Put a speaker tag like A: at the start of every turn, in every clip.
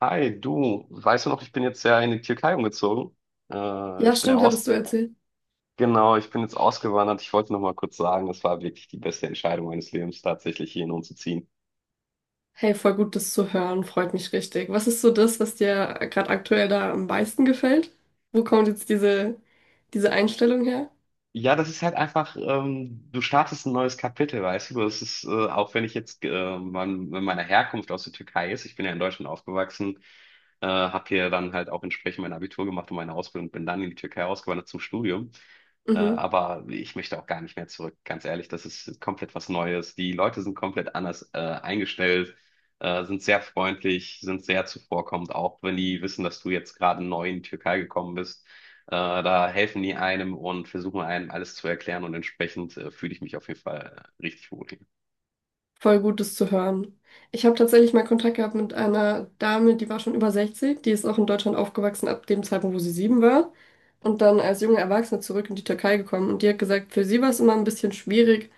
A: Hi, du, weißt du noch, ich bin jetzt ja in die Türkei umgezogen.
B: Ja,
A: Ich bin ja
B: stimmt, hattest du
A: aus,
B: erzählt.
A: genau, ich bin jetzt ausgewandert. Ich wollte noch mal kurz sagen, das war wirklich die beste Entscheidung meines Lebens, tatsächlich hierhin umzuziehen.
B: Hey, voll gut, das zu hören, freut mich richtig. Was ist so das, was dir gerade aktuell da am meisten gefällt? Wo kommt jetzt diese Einstellung her?
A: Ja, das ist halt einfach, du startest ein neues Kapitel, weißt du? Das ist, auch wenn ich jetzt, meiner Herkunft aus der Türkei ist, ich bin ja in Deutschland aufgewachsen, habe hier dann halt auch entsprechend mein Abitur gemacht und meine Ausbildung, bin dann in die Türkei ausgewandert zum Studium.
B: Mhm,
A: Aber ich möchte auch gar nicht mehr zurück, ganz ehrlich, das ist komplett was Neues. Die Leute sind komplett anders, eingestellt, sind sehr freundlich, sind sehr zuvorkommend, auch wenn die wissen, dass du jetzt gerade neu in die Türkei gekommen bist. Äh, Da helfen die einem und versuchen einem alles zu erklären und entsprechend fühle ich mich auf jeden Fall richtig wohl.
B: voll gut, das zu hören. Ich habe tatsächlich mal Kontakt gehabt mit einer Dame, die war schon über 60, die ist auch in Deutschland aufgewachsen ab dem Zeitpunkt, wo sie sieben war. Und dann als junge Erwachsene zurück in die Türkei gekommen. Und die hat gesagt, für sie war es immer ein bisschen schwierig,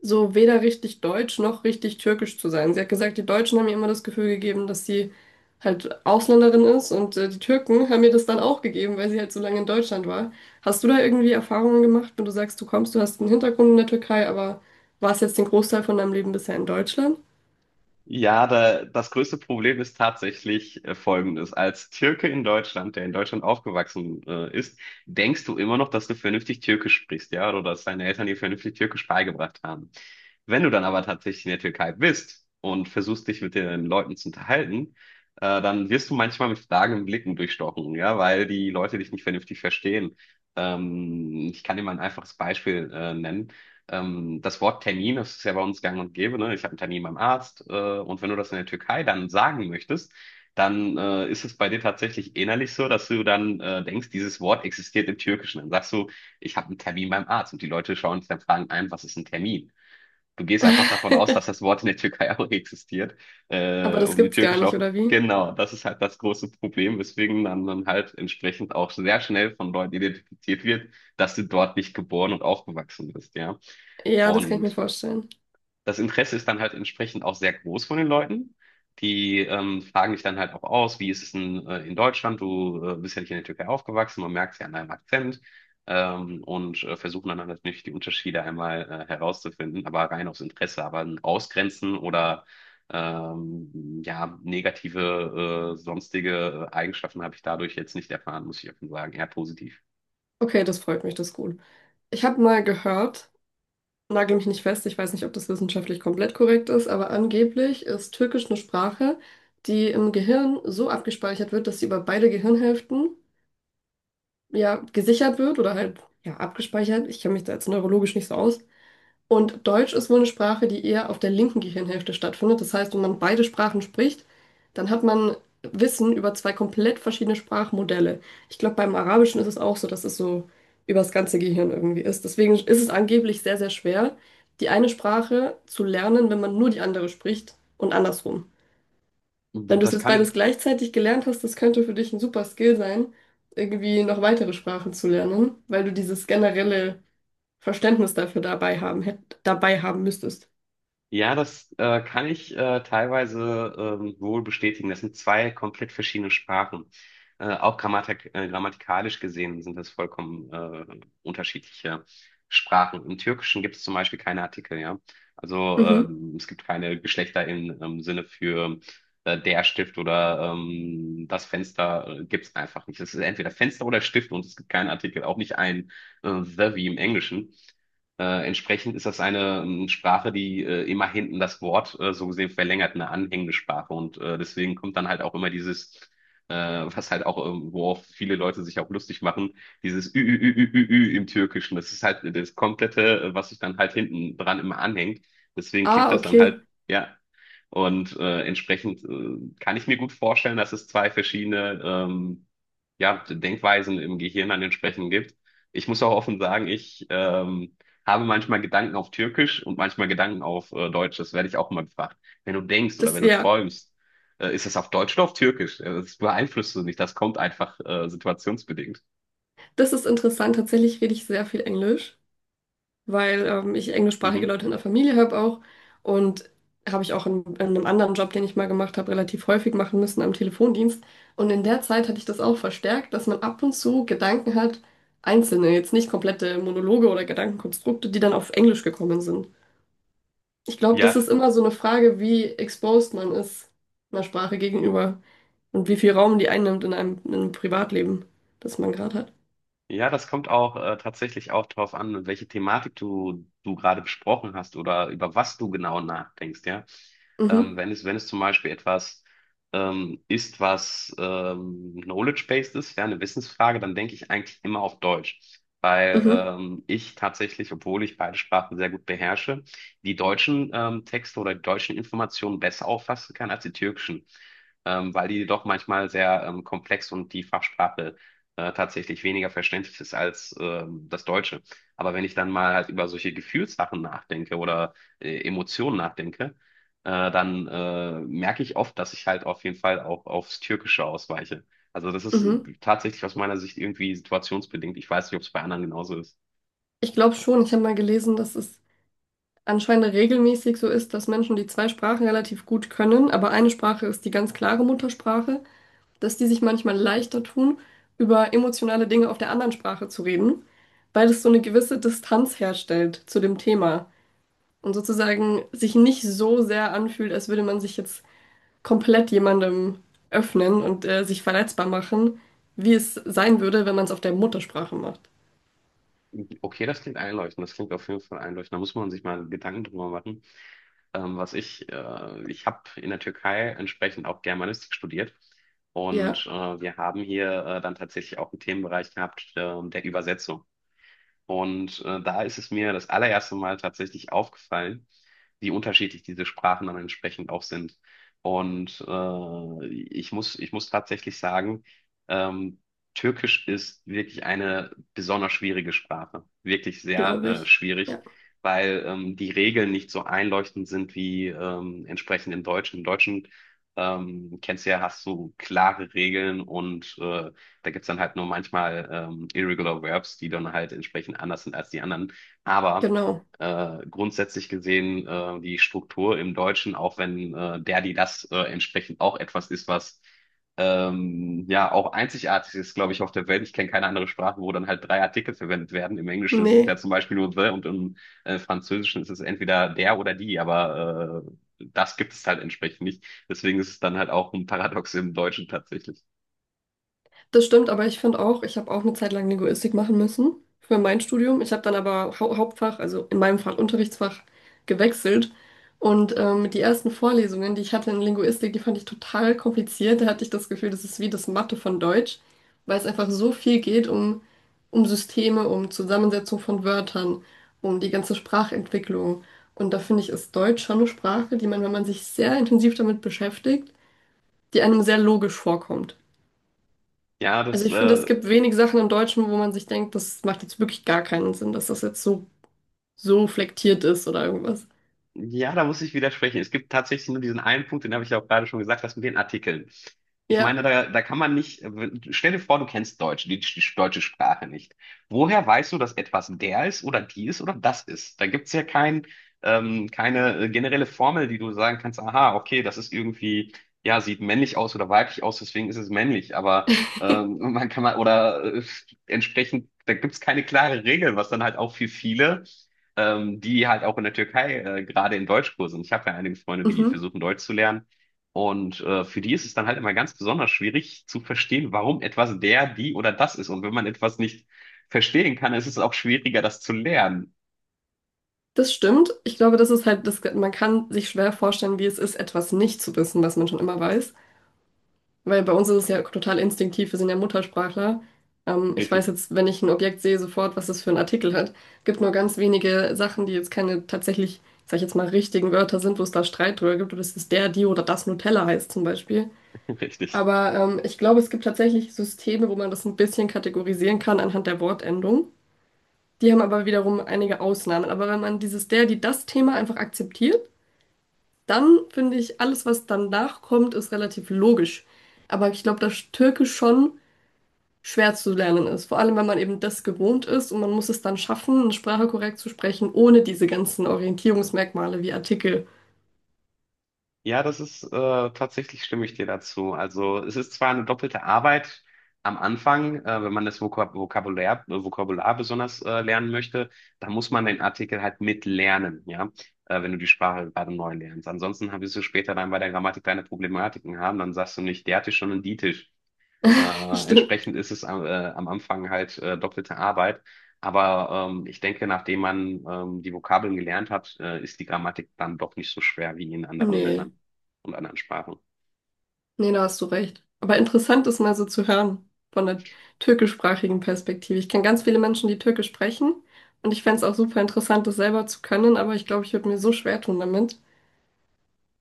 B: so weder richtig deutsch noch richtig türkisch zu sein. Sie hat gesagt, die Deutschen haben ihr immer das Gefühl gegeben, dass sie halt Ausländerin ist, und die Türken haben ihr das dann auch gegeben, weil sie halt so lange in Deutschland war. Hast du da irgendwie Erfahrungen gemacht, wenn du sagst, du kommst, du hast einen Hintergrund in der Türkei, aber warst jetzt den Großteil von deinem Leben bisher in Deutschland?
A: Das größte Problem ist tatsächlich folgendes. Als Türke in Deutschland, der in Deutschland aufgewachsen ist, denkst du immer noch, dass du vernünftig Türkisch sprichst, ja, oder dass deine Eltern dir vernünftig Türkisch beigebracht haben. Wenn du dann aber tatsächlich in der Türkei bist und versuchst, dich mit den Leuten zu unterhalten, dann wirst du manchmal mit fragenden Blicken durchstochen, ja, weil die Leute dich nicht vernünftig verstehen. Ich kann dir mal ein einfaches Beispiel nennen. Das Wort Termin, das ist ja bei uns gang und gäbe, ne? Ich habe einen Termin beim Arzt, und wenn du das in der Türkei dann sagen möchtest, dann ist es bei dir tatsächlich innerlich so, dass du dann denkst, dieses Wort existiert im Türkischen. Dann sagst du, ich habe einen Termin beim Arzt und die Leute schauen dich dann fragen ein, was ist ein Termin? Du gehst einfach davon aus, dass das Wort in der Türkei auch existiert,
B: Aber das
A: um die
B: gibt's gar
A: türkischen
B: nicht,
A: auch.
B: oder wie?
A: Genau, das ist halt das große Problem, weswegen man dann halt entsprechend auch sehr schnell von Leuten identifiziert wird, dass du dort nicht geboren und aufgewachsen bist, ja.
B: Ja, das kann ich mir
A: Und
B: vorstellen.
A: das Interesse ist dann halt entsprechend auch sehr groß von den Leuten. Die fragen dich dann halt auch aus, wie ist es denn in Deutschland? Du bist ja nicht in der Türkei aufgewachsen, man merkt es ja an deinem Akzent. Versuchen dann natürlich die Unterschiede einmal herauszufinden, aber rein aus Interesse, aber ein Ausgrenzen oder ja, negative sonstige Eigenschaften habe ich dadurch jetzt nicht erfahren, muss ich offen sagen. Eher positiv.
B: Okay, das freut mich, das ist gut. Ich habe mal gehört, nagel mich nicht fest, ich weiß nicht, ob das wissenschaftlich komplett korrekt ist, aber angeblich ist Türkisch eine Sprache, die im Gehirn so abgespeichert wird, dass sie über beide Gehirnhälften ja gesichert wird oder halt ja abgespeichert. Ich kenne mich da jetzt neurologisch nicht so aus, und Deutsch ist wohl eine Sprache, die eher auf der linken Gehirnhälfte stattfindet. Das heißt, wenn man beide Sprachen spricht, dann hat man Wissen über zwei komplett verschiedene Sprachmodelle. Ich glaube, beim Arabischen ist es auch so, dass es so über das ganze Gehirn irgendwie ist. Deswegen ist es angeblich sehr, sehr schwer, die eine Sprache zu lernen, wenn man nur die andere spricht und andersrum. Wenn du es
A: Das
B: jetzt beides
A: kann
B: gleichzeitig gelernt hast, das könnte für dich ein super Skill sein, irgendwie noch weitere Sprachen zu lernen, weil du dieses generelle Verständnis dafür dabei haben müsstest.
A: Ja, das kann ich teilweise wohl bestätigen. Das sind zwei komplett verschiedene Sprachen. Auch grammatikalisch gesehen sind das vollkommen unterschiedliche Sprachen. Im Türkischen gibt es zum Beispiel keine Artikel, ja. Also
B: Mhm.
A: es gibt keine Geschlechter im, Sinne für der Stift oder das Fenster gibt es einfach nicht. Es ist entweder Fenster oder Stift und es gibt keinen Artikel, auch nicht ein the wie im Englischen. Entsprechend ist das eine Sprache, die immer hinten das Wort so gesehen verlängert, eine anhängende Sprache. Und deswegen kommt dann halt auch immer dieses, was halt auch, worauf viele Leute sich auch lustig machen, dieses Ü, Ü, Ü, Ü, Ü, Ü im Türkischen. Das ist halt das komplette, was sich dann halt hinten dran immer anhängt. Deswegen klingt
B: Ah,
A: das dann
B: okay.
A: halt, ja. Und entsprechend kann ich mir gut vorstellen, dass es zwei verschiedene ja, Denkweisen im Gehirn dann entsprechend gibt. Ich muss auch offen sagen, ich habe manchmal Gedanken auf Türkisch und manchmal Gedanken auf Deutsch. Das werde ich auch mal gefragt. Wenn du denkst oder
B: Das,
A: wenn du
B: ja,
A: träumst, ist es auf Deutsch oder auf Türkisch? Das beeinflusst du nicht. Das kommt einfach situationsbedingt.
B: das ist interessant. Tatsächlich rede ich sehr viel Englisch, weil ich englischsprachige
A: Mhm.
B: Leute in der Familie habe auch. Und habe ich auch in einem anderen Job, den ich mal gemacht habe, relativ häufig machen müssen am Telefondienst. Und in der Zeit hatte ich das auch verstärkt, dass man ab und zu Gedanken hat, einzelne, jetzt nicht komplette Monologe oder Gedankenkonstrukte, die dann auf Englisch gekommen sind. Ich glaube, das
A: Ja,
B: ist immer so eine Frage, wie exposed man ist einer Sprache gegenüber. Und wie viel Raum die einnimmt in einem Privatleben, das man gerade hat.
A: ja, das kommt auch tatsächlich auch darauf an, welche Thematik du gerade besprochen hast oder über was du genau nachdenkst, ja.
B: Mhm,
A: Wenn es zum Beispiel etwas ist, was knowledge-based ist, ja, eine Wissensfrage, dann denke ich eigentlich immer auf Deutsch. Weil
B: mhm,
A: ich tatsächlich, obwohl ich beide Sprachen sehr gut beherrsche, die deutschen Texte oder die deutschen Informationen besser auffassen kann als die türkischen. Weil die doch manchmal sehr komplex und die Fachsprache tatsächlich weniger verständlich ist als das Deutsche. Aber wenn ich dann mal halt über solche Gefühlssachen nachdenke oder Emotionen nachdenke, dann merke ich oft, dass ich halt auf jeden Fall auch aufs Türkische ausweiche. Also das ist
B: mhm.
A: tatsächlich aus meiner Sicht irgendwie situationsbedingt. Ich weiß nicht, ob es bei anderen genauso ist.
B: Ich glaube schon, ich habe mal gelesen, dass es anscheinend regelmäßig so ist, dass Menschen, die zwei Sprachen relativ gut können, aber eine Sprache ist die ganz klare Muttersprache, dass die sich manchmal leichter tun, über emotionale Dinge auf der anderen Sprache zu reden, weil es so eine gewisse Distanz herstellt zu dem Thema und sozusagen sich nicht so sehr anfühlt, als würde man sich jetzt komplett jemandem öffnen und sich verletzbar machen, wie es sein würde, wenn man es auf der Muttersprache macht.
A: Okay, das klingt einleuchtend. Das klingt auf jeden Fall einleuchtend. Da muss man sich mal Gedanken drüber machen. Ich habe in der Türkei entsprechend auch Germanistik studiert.
B: Ja,
A: Und wir haben hier dann tatsächlich auch einen Themenbereich gehabt, der Übersetzung. Und da ist es mir das allererste Mal tatsächlich aufgefallen, wie unterschiedlich diese Sprachen dann entsprechend auch sind. Und ich muss tatsächlich sagen, ähm, Türkisch ist wirklich eine besonders schwierige Sprache. Wirklich sehr
B: glaube ich.
A: schwierig,
B: Ja,
A: weil die Regeln nicht so einleuchtend sind wie entsprechend im Deutschen. Im Deutschen kennst du ja, hast du klare Regeln und da gibt's dann halt nur manchmal Irregular Verbs, die dann halt entsprechend anders sind als die anderen. Aber
B: genau.
A: grundsätzlich gesehen die Struktur im Deutschen, auch wenn der, die, das entsprechend auch etwas ist, was ja auch einzigartig ist, glaube ich, auf der Welt. Ich kenne keine andere Sprache, wo dann halt drei Artikel verwendet werden. Im Englischen ist es ja
B: Nee.
A: zum Beispiel nur the und im Französischen ist es entweder der oder die, aber das gibt es halt entsprechend nicht. Deswegen ist es dann halt auch ein Paradox im Deutschen tatsächlich.
B: Das stimmt, aber ich finde auch, ich habe auch eine Zeit lang Linguistik machen müssen für mein Studium. Ich habe dann aber Hauptfach, also in meinem Fall Unterrichtsfach, gewechselt. Und die ersten Vorlesungen, die ich hatte in Linguistik, die fand ich total kompliziert. Da hatte ich das Gefühl, das ist wie das Mathe von Deutsch, weil es einfach so viel geht um Systeme, um Zusammensetzung von Wörtern, um die ganze Sprachentwicklung. Und da finde ich, ist Deutsch schon eine Sprache, die man, wenn man sich sehr intensiv damit beschäftigt, die einem sehr logisch vorkommt.
A: Ja,
B: Also
A: das
B: ich finde, es
A: äh,
B: gibt wenig Sachen im Deutschen, wo man sich denkt, das macht jetzt wirklich gar keinen Sinn, dass das so flektiert ist oder irgendwas.
A: Ja, da muss ich widersprechen. Es gibt tatsächlich nur diesen einen Punkt, den habe ich ja auch gerade schon gesagt, das mit den Artikeln. Ich
B: Ja.
A: meine, da kann man nicht, stell dir vor, du kennst Deutsch, die deutsche Sprache nicht. Woher weißt du, dass etwas der ist oder die ist oder das ist? Da gibt's ja kein, keine generelle Formel, die du sagen kannst, aha, okay, das ist irgendwie, ja, sieht männlich aus oder weiblich aus, deswegen ist es männlich. Aber man kann mal, oder entsprechend, da gibt's keine klare Regel, was dann halt auch für viele die halt auch in der Türkei gerade in Deutschkursen. Ich habe ja einige Freunde, die
B: Mhm.
A: versuchen Deutsch zu lernen. Und für die ist es dann halt immer ganz besonders schwierig zu verstehen, warum etwas der, die oder das ist. Und wenn man etwas nicht verstehen kann, ist es auch schwieriger, das zu lernen.
B: Das stimmt. Ich glaube, das ist halt, das, man kann sich schwer vorstellen, wie es ist, etwas nicht zu wissen, was man schon immer weiß. Weil bei uns ist es ja total instinktiv, wir sind ja Muttersprachler. Ich weiß
A: Richtig,
B: jetzt, wenn ich ein Objekt sehe, sofort, was es für einen Artikel hat. Gibt nur ganz wenige Sachen, die jetzt keine tatsächlich, sag ich jetzt mal, richtigen Wörter sind, wo es da Streit drüber gibt, oder dass es der, die oder das Nutella heißt zum Beispiel.
A: richtig.
B: Aber ich glaube, es gibt tatsächlich Systeme, wo man das ein bisschen kategorisieren kann anhand der Wortendung. Die haben aber wiederum einige Ausnahmen. Aber wenn man dieses der, die, das Thema einfach akzeptiert, dann finde ich, alles, was danach kommt, ist relativ logisch. Aber ich glaube, dass Türkisch schon schwer zu lernen ist. Vor allem, wenn man eben das gewohnt ist und man muss es dann schaffen, eine Sprache korrekt zu sprechen, ohne diese ganzen Orientierungsmerkmale wie Artikel.
A: Ja, das ist tatsächlich stimme ich dir dazu. Also es ist zwar eine doppelte Arbeit am Anfang, wenn man das Vokabular besonders lernen möchte, dann muss man den Artikel halt mitlernen, ja, wenn du die Sprache gerade neu lernst. Ansonsten wirst du später dann bei der Grammatik deine Problematiken haben, dann sagst du nicht der Tisch, sondern die Tisch.
B: Stimmt.
A: Entsprechend ist es am Anfang halt doppelte Arbeit. Aber ich denke, nachdem man die Vokabeln gelernt hat, ist die Grammatik dann doch nicht so schwer wie in anderen
B: Nee.
A: Ländern und anderen Sprachen.
B: Nee, da hast du recht. Aber interessant ist mal so zu hören von der türkischsprachigen Perspektive. Ich kenne ganz viele Menschen, die Türkisch sprechen und ich fände es auch super interessant, das selber zu können, aber ich glaube, ich würde mir so schwer tun damit.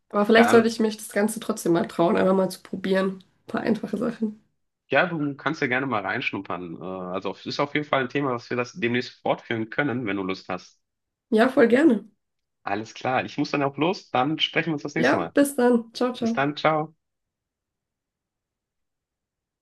B: Aber vielleicht
A: Ja,
B: sollte ich mich das Ganze trotzdem mal trauen, einfach mal zu probieren. Ein paar einfache Sachen.
A: ja, du kannst ja gerne mal reinschnuppern. Also es ist auf jeden Fall ein Thema, was wir das demnächst fortführen können, wenn du Lust hast.
B: Ja, voll gerne.
A: Alles klar. Ich muss dann auch los. Dann sprechen wir uns das nächste
B: Ja,
A: Mal.
B: bis dann. Ciao,
A: Bis
B: ciao.
A: dann. Ciao.